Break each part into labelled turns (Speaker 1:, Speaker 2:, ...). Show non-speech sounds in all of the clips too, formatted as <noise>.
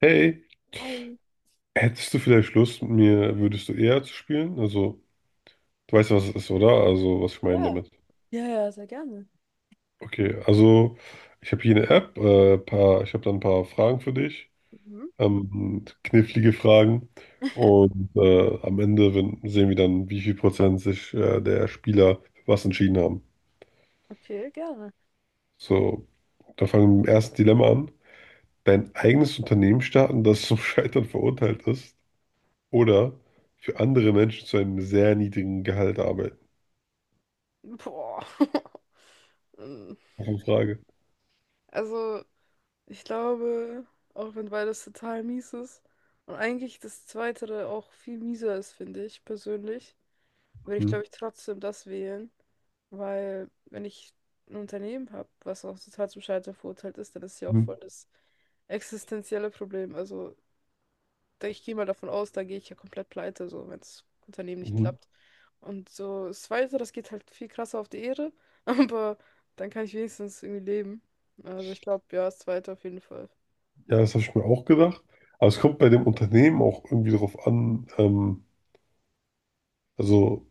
Speaker 1: Hey,
Speaker 2: Ein.
Speaker 1: hättest du vielleicht Lust, mit mir würdest du eher zu spielen? Also, du weißt, ja, was es ist, oder? Also, was ich meine
Speaker 2: Ja,
Speaker 1: damit.
Speaker 2: ja, ja, sehr gerne.
Speaker 1: Okay, also, ich habe hier eine App, paar, ich habe da ein paar Fragen für dich,
Speaker 2: Mhm.
Speaker 1: knifflige Fragen.
Speaker 2: <laughs>
Speaker 1: Und am Ende wenn, sehen wir dann, wie viel Prozent sich der Spieler für was entschieden haben.
Speaker 2: Okay, gerne.
Speaker 1: So, da fangen wir mit dem ersten Dilemma an. Dein eigenes Unternehmen starten, das zum <laughs> Scheitern verurteilt ist, oder für andere Menschen zu einem sehr niedrigen Gehalt arbeiten.
Speaker 2: Boah. <laughs> Ähm,
Speaker 1: Auch eine Frage.
Speaker 2: Also, ich glaube, auch wenn beides total mies ist und eigentlich das Zweite auch viel mieser ist, finde ich persönlich, würde ich,
Speaker 1: Mhm.
Speaker 2: glaube ich, trotzdem das wählen, weil wenn ich ein Unternehmen habe, was auch total zum Scheitern verurteilt ist, dann ist ja auch voll
Speaker 1: Mhm.
Speaker 2: das existenzielle Problem. Also, ich gehe mal davon aus, da gehe ich ja komplett pleite, so wenn das Unternehmen nicht
Speaker 1: Mhm.
Speaker 2: klappt. Und so das Weitere, das geht halt viel krasser auf die Ehre, <laughs> aber dann kann ich wenigstens irgendwie leben. Also ich glaube, ja, das Zweite auf jeden Fall.
Speaker 1: Ja, das habe ich mir auch gedacht. Aber es kommt bei dem Unternehmen auch irgendwie darauf an, also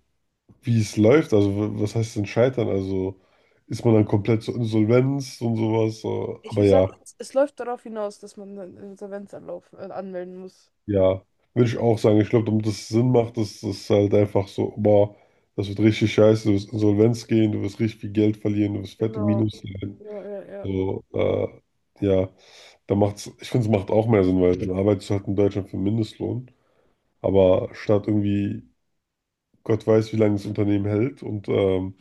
Speaker 1: wie es läuft. Also was heißt denn scheitern? Also ist man dann komplett zur Insolvenz und sowas? So.
Speaker 2: Ich
Speaker 1: Aber
Speaker 2: würde sagen,
Speaker 1: ja,
Speaker 2: es läuft darauf hinaus, dass man einen Insolvenzanlauf anmelden muss.
Speaker 1: ja, würde ich auch sagen. Ich glaube, damit es Sinn macht, dass das halt einfach so, boah, das wird richtig scheiße, du wirst Insolvenz gehen, du wirst richtig viel Geld verlieren, du wirst fette
Speaker 2: Genau.
Speaker 1: Minus sein.
Speaker 2: Ja, ja, ja.
Speaker 1: So, ja, da macht's, ich finde, es macht auch mehr Sinn, weil dann arbeitest du halt in Deutschland für Mindestlohn. Aber statt irgendwie, Gott weiß, wie lange das Unternehmen hält und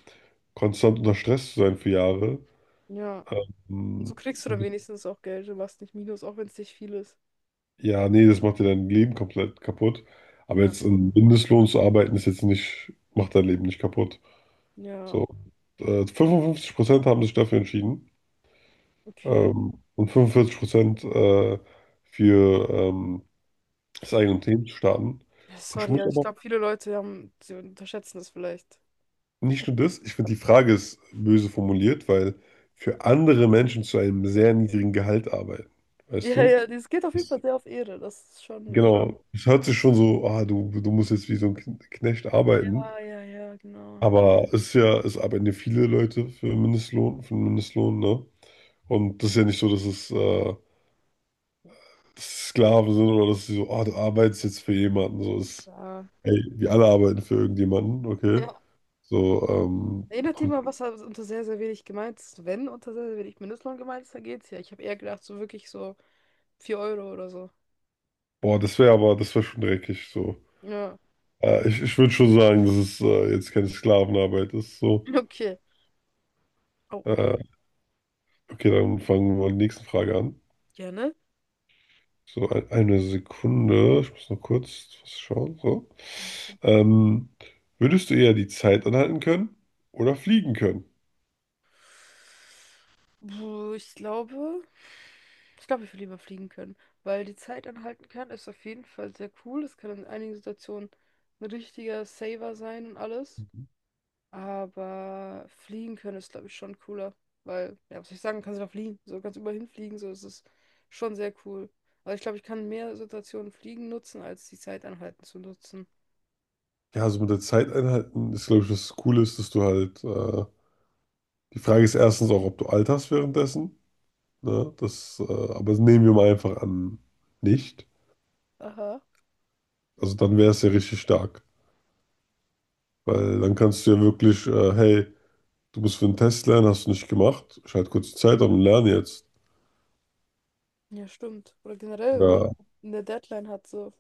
Speaker 1: konstant unter Stress zu sein für Jahre,
Speaker 2: Ja. Und so
Speaker 1: ähm,
Speaker 2: kriegst du dann wenigstens auch Geld, du machst nicht Minus, auch wenn es nicht viel ist.
Speaker 1: ja, nee, das macht dir dein Leben komplett kaputt. Aber
Speaker 2: Ja,
Speaker 1: jetzt im Mindestlohn zu arbeiten, ist jetzt nicht, macht dein Leben nicht kaputt.
Speaker 2: ja,
Speaker 1: So, 55% haben sich dafür entschieden
Speaker 2: okay.
Speaker 1: und 45% äh, für das eigene Unternehmen zu starten.
Speaker 2: Ja,
Speaker 1: Und ich
Speaker 2: sorry,
Speaker 1: muss
Speaker 2: also ich
Speaker 1: aber
Speaker 2: glaube, viele Leute haben, sie unterschätzen das vielleicht.
Speaker 1: nicht nur das, ich finde die Frage ist böse formuliert, weil für andere Menschen zu einem sehr niedrigen Gehalt arbeiten, weißt
Speaker 2: Ja,
Speaker 1: du?
Speaker 2: ja, das geht auf jeden
Speaker 1: Das,
Speaker 2: Fall sehr auf Ehre. Das ist schon so.
Speaker 1: genau, es hört sich schon so, ah, du musst jetzt wie so ein Knecht arbeiten,
Speaker 2: Ja, ja, ja, genau.
Speaker 1: aber es ist ja, es arbeiten ja viele Leute für Mindestlohn, für einen Mindestlohn, ne? Und das ist ja nicht so, dass es Sklaven sind oder dass sie so, ah, du arbeitest jetzt für jemanden, so ist,
Speaker 2: Ja.
Speaker 1: hey, wir alle arbeiten für irgendjemanden, okay?
Speaker 2: Ja.
Speaker 1: So,
Speaker 2: Erinnert ihr
Speaker 1: und,
Speaker 2: mal, was da unter sehr, sehr wenig gemeint ist? Wenn unter sehr, sehr wenig Mindestlohn gemeint ist, dann geht's ja. Ich habe eher gedacht, so wirklich so 4 Euro oder so.
Speaker 1: boah, das wäre aber, das wäre schon dreckig, so.
Speaker 2: Ja,
Speaker 1: Ja, ich würde schon sagen, dass es jetzt keine Sklavenarbeit ist. So.
Speaker 2: <laughs> okay. Oh,
Speaker 1: Äh, okay, dann fangen wir mal die nächste Frage an.
Speaker 2: gerne.
Speaker 1: So, eine Sekunde. Ich muss noch kurz was schauen. So. Ähm, würdest du eher die Zeit anhalten können oder fliegen können?
Speaker 2: Puh, ich glaube, ich will lieber fliegen können, weil die Zeit anhalten kann, ist auf jeden Fall sehr cool. Es kann in einigen Situationen ein richtiger Saver sein und alles. Aber fliegen können ist, glaube ich, schon cooler. Weil, ja, was soll ich sagen, kannst du da fliegen. So kannst du überall hinfliegen. So, ist es schon sehr cool. Aber ich glaube, ich kann mehr Situationen fliegen nutzen, als die Zeit anhalten zu nutzen.
Speaker 1: Ja, also mit der Zeit einhalten ist, glaube ich, das Coole ist, dass du halt. Die Frage ist erstens auch, ob du alterst währenddessen. Ne? Das, aber das nehmen wir mal einfach an, nicht.
Speaker 2: Aha.
Speaker 1: Also dann wäre es ja richtig stark. Weil dann kannst du ja wirklich, hey, du bist für einen Test lernen, hast du nicht gemacht. Schalt kurz die Zeit an und lerne jetzt.
Speaker 2: Ja, stimmt. Oder generell, wenn man
Speaker 1: Oder
Speaker 2: eine Deadline hat, so.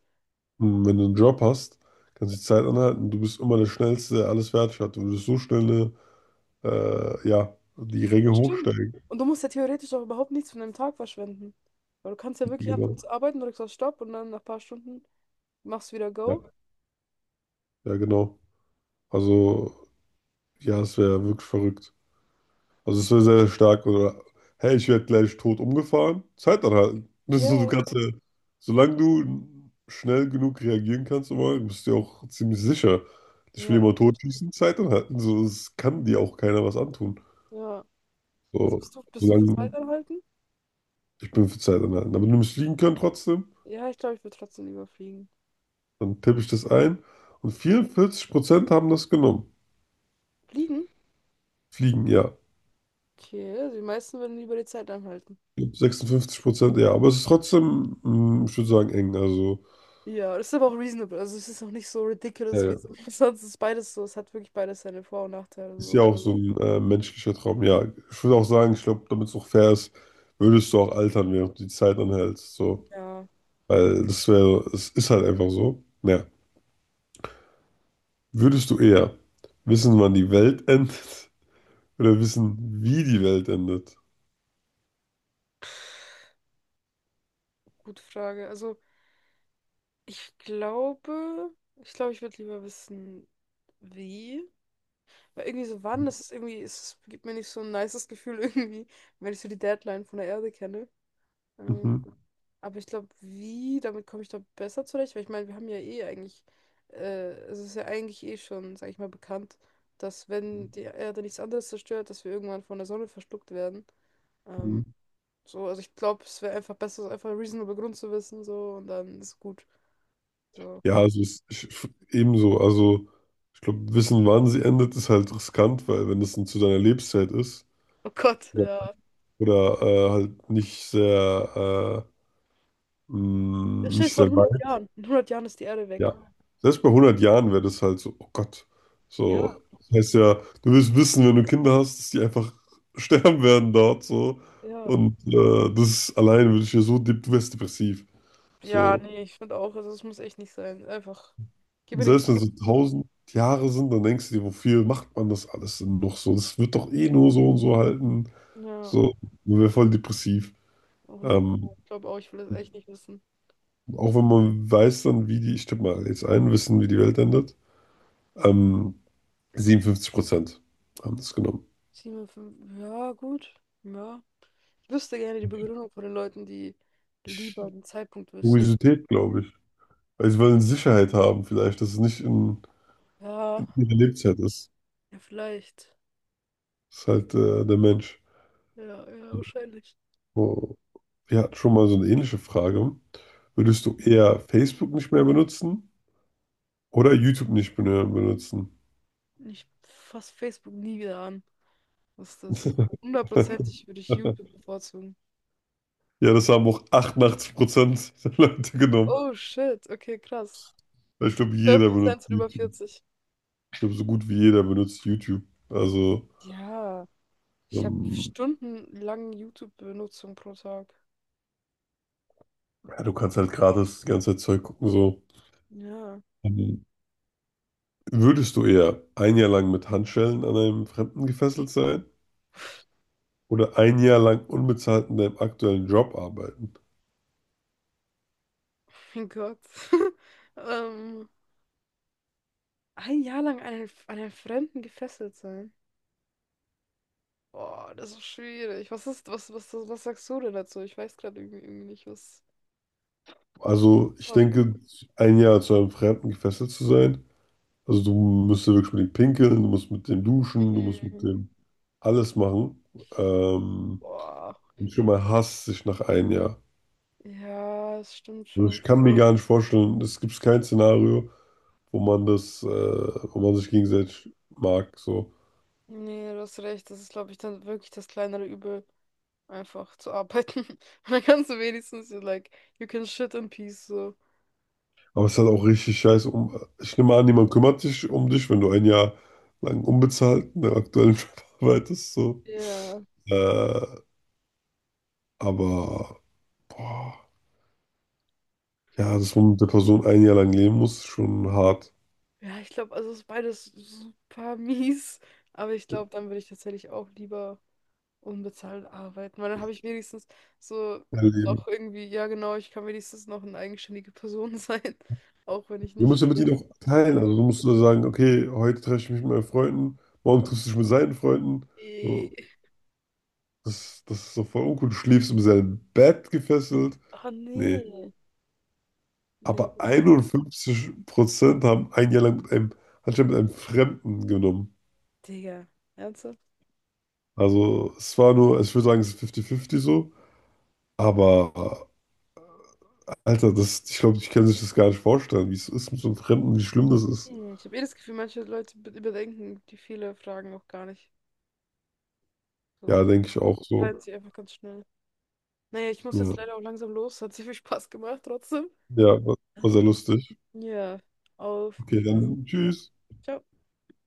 Speaker 1: hm, wenn du einen Job hast, kannst du die Zeit anhalten. Du bist immer der Schnellste, der alles fertig hat. Du würdest so schnell eine, ja, die Ränge
Speaker 2: Das stimmt.
Speaker 1: hochsteigen.
Speaker 2: Und du musst ja theoretisch auch überhaupt nichts von deinem Tag verschwenden. Weil du kannst ja wirklich anfangen
Speaker 1: Genau.
Speaker 2: zu arbeiten, drückst auf Stopp und dann nach ein paar Stunden machst du wieder
Speaker 1: Ja,
Speaker 2: Go.
Speaker 1: ja, genau. Also, ja, es wäre wirklich verrückt. Also es wäre sehr stark, oder hey, ich werde gleich tot umgefahren, Zeit anhalten.
Speaker 2: Und
Speaker 1: Das ist
Speaker 2: ja,
Speaker 1: so, du kannst ja, solange du schnell genug reagieren kannst, immer, bist du ja auch ziemlich sicher. Ich will
Speaker 2: ja,
Speaker 1: jemanden
Speaker 2: eigentlich,
Speaker 1: totschießen, Zeit anhalten. So, es kann dir auch keiner was antun.
Speaker 2: ja. Also
Speaker 1: So,
Speaker 2: bist du für
Speaker 1: solange
Speaker 2: Zeit anhalten?
Speaker 1: ich bin für Zeit anhalten. Aber du musst fliegen können trotzdem,
Speaker 2: Ja, ich glaube, ich würde trotzdem lieber fliegen.
Speaker 1: dann tippe ich das ein. Und 44% haben das genommen.
Speaker 2: Fliegen?
Speaker 1: Fliegen, ja.
Speaker 2: Okay, also die meisten würden lieber die Zeit anhalten.
Speaker 1: Ich Prozent ja. Aber es ist trotzdem, ich würde sagen, eng. Also.
Speaker 2: Ja, das ist aber auch reasonable. Also es ist auch nicht so
Speaker 1: Ja,
Speaker 2: ridiculous wie es <laughs> sonst ist beides so. Es hat wirklich beides seine Vor- und Nachteile.
Speaker 1: ist ja
Speaker 2: So.
Speaker 1: auch so ein menschlicher Traum. Ja, ich würde auch sagen, ich glaube, damit es auch fair ist, würdest du auch altern, während du die Zeit anhältst. So.
Speaker 2: Ja,
Speaker 1: Weil das wäre, es ist halt einfach so. Ja. Würdest du eher wissen, wann die Welt endet, <laughs> oder wissen, wie die Welt endet?
Speaker 2: gute Frage. Also ich glaube, ich würde lieber wissen, wie. Weil irgendwie so wann, das ist irgendwie, es gibt mir nicht so ein nices Gefühl <laughs> irgendwie, wenn ich so die Deadline von der Erde kenne. Ähm,
Speaker 1: Mhm.
Speaker 2: Aber ich glaube, wie, damit komme ich da besser zurecht, weil ich meine, wir haben ja eh eigentlich, äh, es ist ja eigentlich eh schon, sag ich mal, bekannt, dass wenn die Erde nichts anderes zerstört, dass wir irgendwann von der Sonne verschluckt werden. Ähm,
Speaker 1: Mhm.
Speaker 2: so, also ich glaube, es wäre einfach besser, so einfach einen reasonable Grund zu wissen, so, und dann ist gut. So.
Speaker 1: Ja, also es, ich, ebenso. Also ich glaube, wissen, wann sie endet, ist halt riskant, weil wenn das dann zu deiner Lebenszeit ist
Speaker 2: <laughs> Oh Gott,
Speaker 1: oder,
Speaker 2: ja.
Speaker 1: oder halt nicht sehr,
Speaker 2: Das steht
Speaker 1: nicht
Speaker 2: vor
Speaker 1: sehr
Speaker 2: 100
Speaker 1: weit.
Speaker 2: Jahren. In 100 Jahren ist die Erde weg.
Speaker 1: Ja, selbst bei 100 Jahren wäre das halt so, oh Gott,
Speaker 2: Ja,
Speaker 1: so, das heißt ja, du willst wissen, wenn du Kinder hast, dass die einfach <laughs> sterben werden dort, so,
Speaker 2: ja.
Speaker 1: und das allein würde ich ja so, du wärst depressiv,
Speaker 2: Ja,
Speaker 1: so,
Speaker 2: nee, ich finde auch, also es muss echt nicht sein. Einfach, gib mir den
Speaker 1: selbst
Speaker 2: Grund.
Speaker 1: wenn es so 1.000 Jahre sind, dann denkst du dir, wofür macht man das alles denn noch so, das wird doch eh nur so und so halten,
Speaker 2: Ja,
Speaker 1: so, man wäre voll depressiv,
Speaker 2: hundert
Speaker 1: ähm,
Speaker 2: Pro. Ich glaube auch, ich will das echt nicht wissen.
Speaker 1: auch wenn man weiß dann, wie die, ich tippe mal jetzt ein, wissen, wie die Welt endet, ähm, 57% haben das genommen.
Speaker 2: 7,5. Ja, gut. Ja. Ich wüsste gerne die Begründung von den Leuten, die lieber den Zeitpunkt wüssten.
Speaker 1: Kuriosität, glaube ich. Weil sie wollen Sicherheit haben, vielleicht, dass es nicht in,
Speaker 2: Ja,
Speaker 1: in ihrer Lebenszeit ist.
Speaker 2: ja, vielleicht.
Speaker 1: Das ist halt der Mensch.
Speaker 2: Ja, ja, wahrscheinlich.
Speaker 1: Oh. Wir hatten schon mal so eine ähnliche Frage. Würdest du eher Facebook nicht mehr benutzen oder YouTube nicht mehr benutzen?
Speaker 2: Ich fasse Facebook nie wieder an. Was ist das.
Speaker 1: <laughs>
Speaker 2: Hundertprozentig würde ich YouTube bevorzugen.
Speaker 1: Ja, das haben auch 88% der Leute genommen.
Speaker 2: Oh shit, okay, krass.
Speaker 1: Weil ich glaube,
Speaker 2: zwölf
Speaker 1: jeder
Speaker 2: Prozent
Speaker 1: benutzt
Speaker 2: sind über
Speaker 1: YouTube.
Speaker 2: 40.
Speaker 1: Ich glaube, so gut wie jeder benutzt YouTube. Also,
Speaker 2: Ja, ich habe
Speaker 1: ähm,
Speaker 2: stundenlang YouTube-Benutzung pro Tag.
Speaker 1: ja, du kannst halt gratis die ganze Zeit Zeug gucken, so.
Speaker 2: Ja,
Speaker 1: Ähm, Würdest du eher ein Jahr lang mit Handschellen an einem Fremden gefesselt sein oder ein Jahr lang unbezahlt in deinem aktuellen Job arbeiten?
Speaker 2: mein Gott. <laughs> Ähm, ein Jahr lang an einen Fremden gefesselt sein. Boah, das ist schwierig. Was ist, was, was, was, was sagst du denn dazu? Ich weiß gerade irgendwie nicht, was.
Speaker 1: Also ich denke, ein Jahr zu einem Fremden gefesselt zu sein, also du musst ja wirklich mit dem pinkeln, du musst mit dem duschen, du musst mit
Speaker 2: Mhm.
Speaker 1: dem alles machen. Ähm,
Speaker 2: Boah.
Speaker 1: und schon mal hasst sich nach einem Jahr.
Speaker 2: Ja, das stimmt
Speaker 1: Also
Speaker 2: schon.
Speaker 1: ich kann mir gar nicht vorstellen, es gibt kein Szenario, wo man das, wo man sich gegenseitig mag, so.
Speaker 2: Nee, du hast recht. Das ist, glaube ich, dann wirklich das kleinere Übel, einfach zu arbeiten. <laughs> Und dann kannst du wenigstens, so, like, you can shit in peace, so.
Speaker 1: Aber es ist halt auch richtig scheiße. Ich nehme an, niemand kümmert sich um dich, wenn du ein Jahr lang unbezahlt in der aktuellen <laughs> Job arbeitest. So.
Speaker 2: Ja.
Speaker 1: Äh, aber, boah, ja, dass man mit der Person ein Jahr lang leben muss, ist schon hart.
Speaker 2: Ja, ich glaube, also es ist beides super <laughs> mies. Aber ich glaube, dann würde ich tatsächlich auch lieber. Unbezahlt arbeiten, weil dann habe ich wenigstens so
Speaker 1: Erleben.
Speaker 2: auch irgendwie, ja genau, ich kann wenigstens noch eine eigenständige Person sein, <laughs> auch wenn ich
Speaker 1: Du
Speaker 2: nicht
Speaker 1: musst
Speaker 2: viel
Speaker 1: ja mit
Speaker 2: Geld.
Speaker 1: ihnen auch teilen. Also, du musst nur sagen, okay, heute treffe ich mich mit meinen Freunden, morgen triffst du dich mit seinen Freunden.
Speaker 2: Eh.
Speaker 1: So, das ist doch voll uncool. Du schläfst in seinem Bett gefesselt.
Speaker 2: Oh
Speaker 1: Nee.
Speaker 2: nee,
Speaker 1: Aber
Speaker 2: nee.
Speaker 1: 51% haben ein Jahr lang mit einem, anscheinend mit einem Fremden genommen.
Speaker 2: Digga, ernsthaft?
Speaker 1: Also es war nur, ich würde sagen, es ist 50-50 so. Aber Alter, das, ich glaube, ich kann sich das gar nicht vorstellen, wie es ist mit so einem Fremden, wie schlimm das ist.
Speaker 2: Nee, ich habe eh das Gefühl, manche Leute überdenken die viele Fragen auch gar nicht. So,
Speaker 1: Ja,
Speaker 2: so
Speaker 1: denke ich auch so.
Speaker 2: teilen sie einfach ganz schnell. Naja, ich muss jetzt
Speaker 1: Ja,
Speaker 2: leider auch langsam los, hat sehr viel Spaß gemacht trotzdem.
Speaker 1: ja, war
Speaker 2: Ähm,
Speaker 1: sehr lustig.
Speaker 2: Ja, auf
Speaker 1: Okay, dann
Speaker 2: Wiedersehen.
Speaker 1: tschüss.
Speaker 2: Ciao.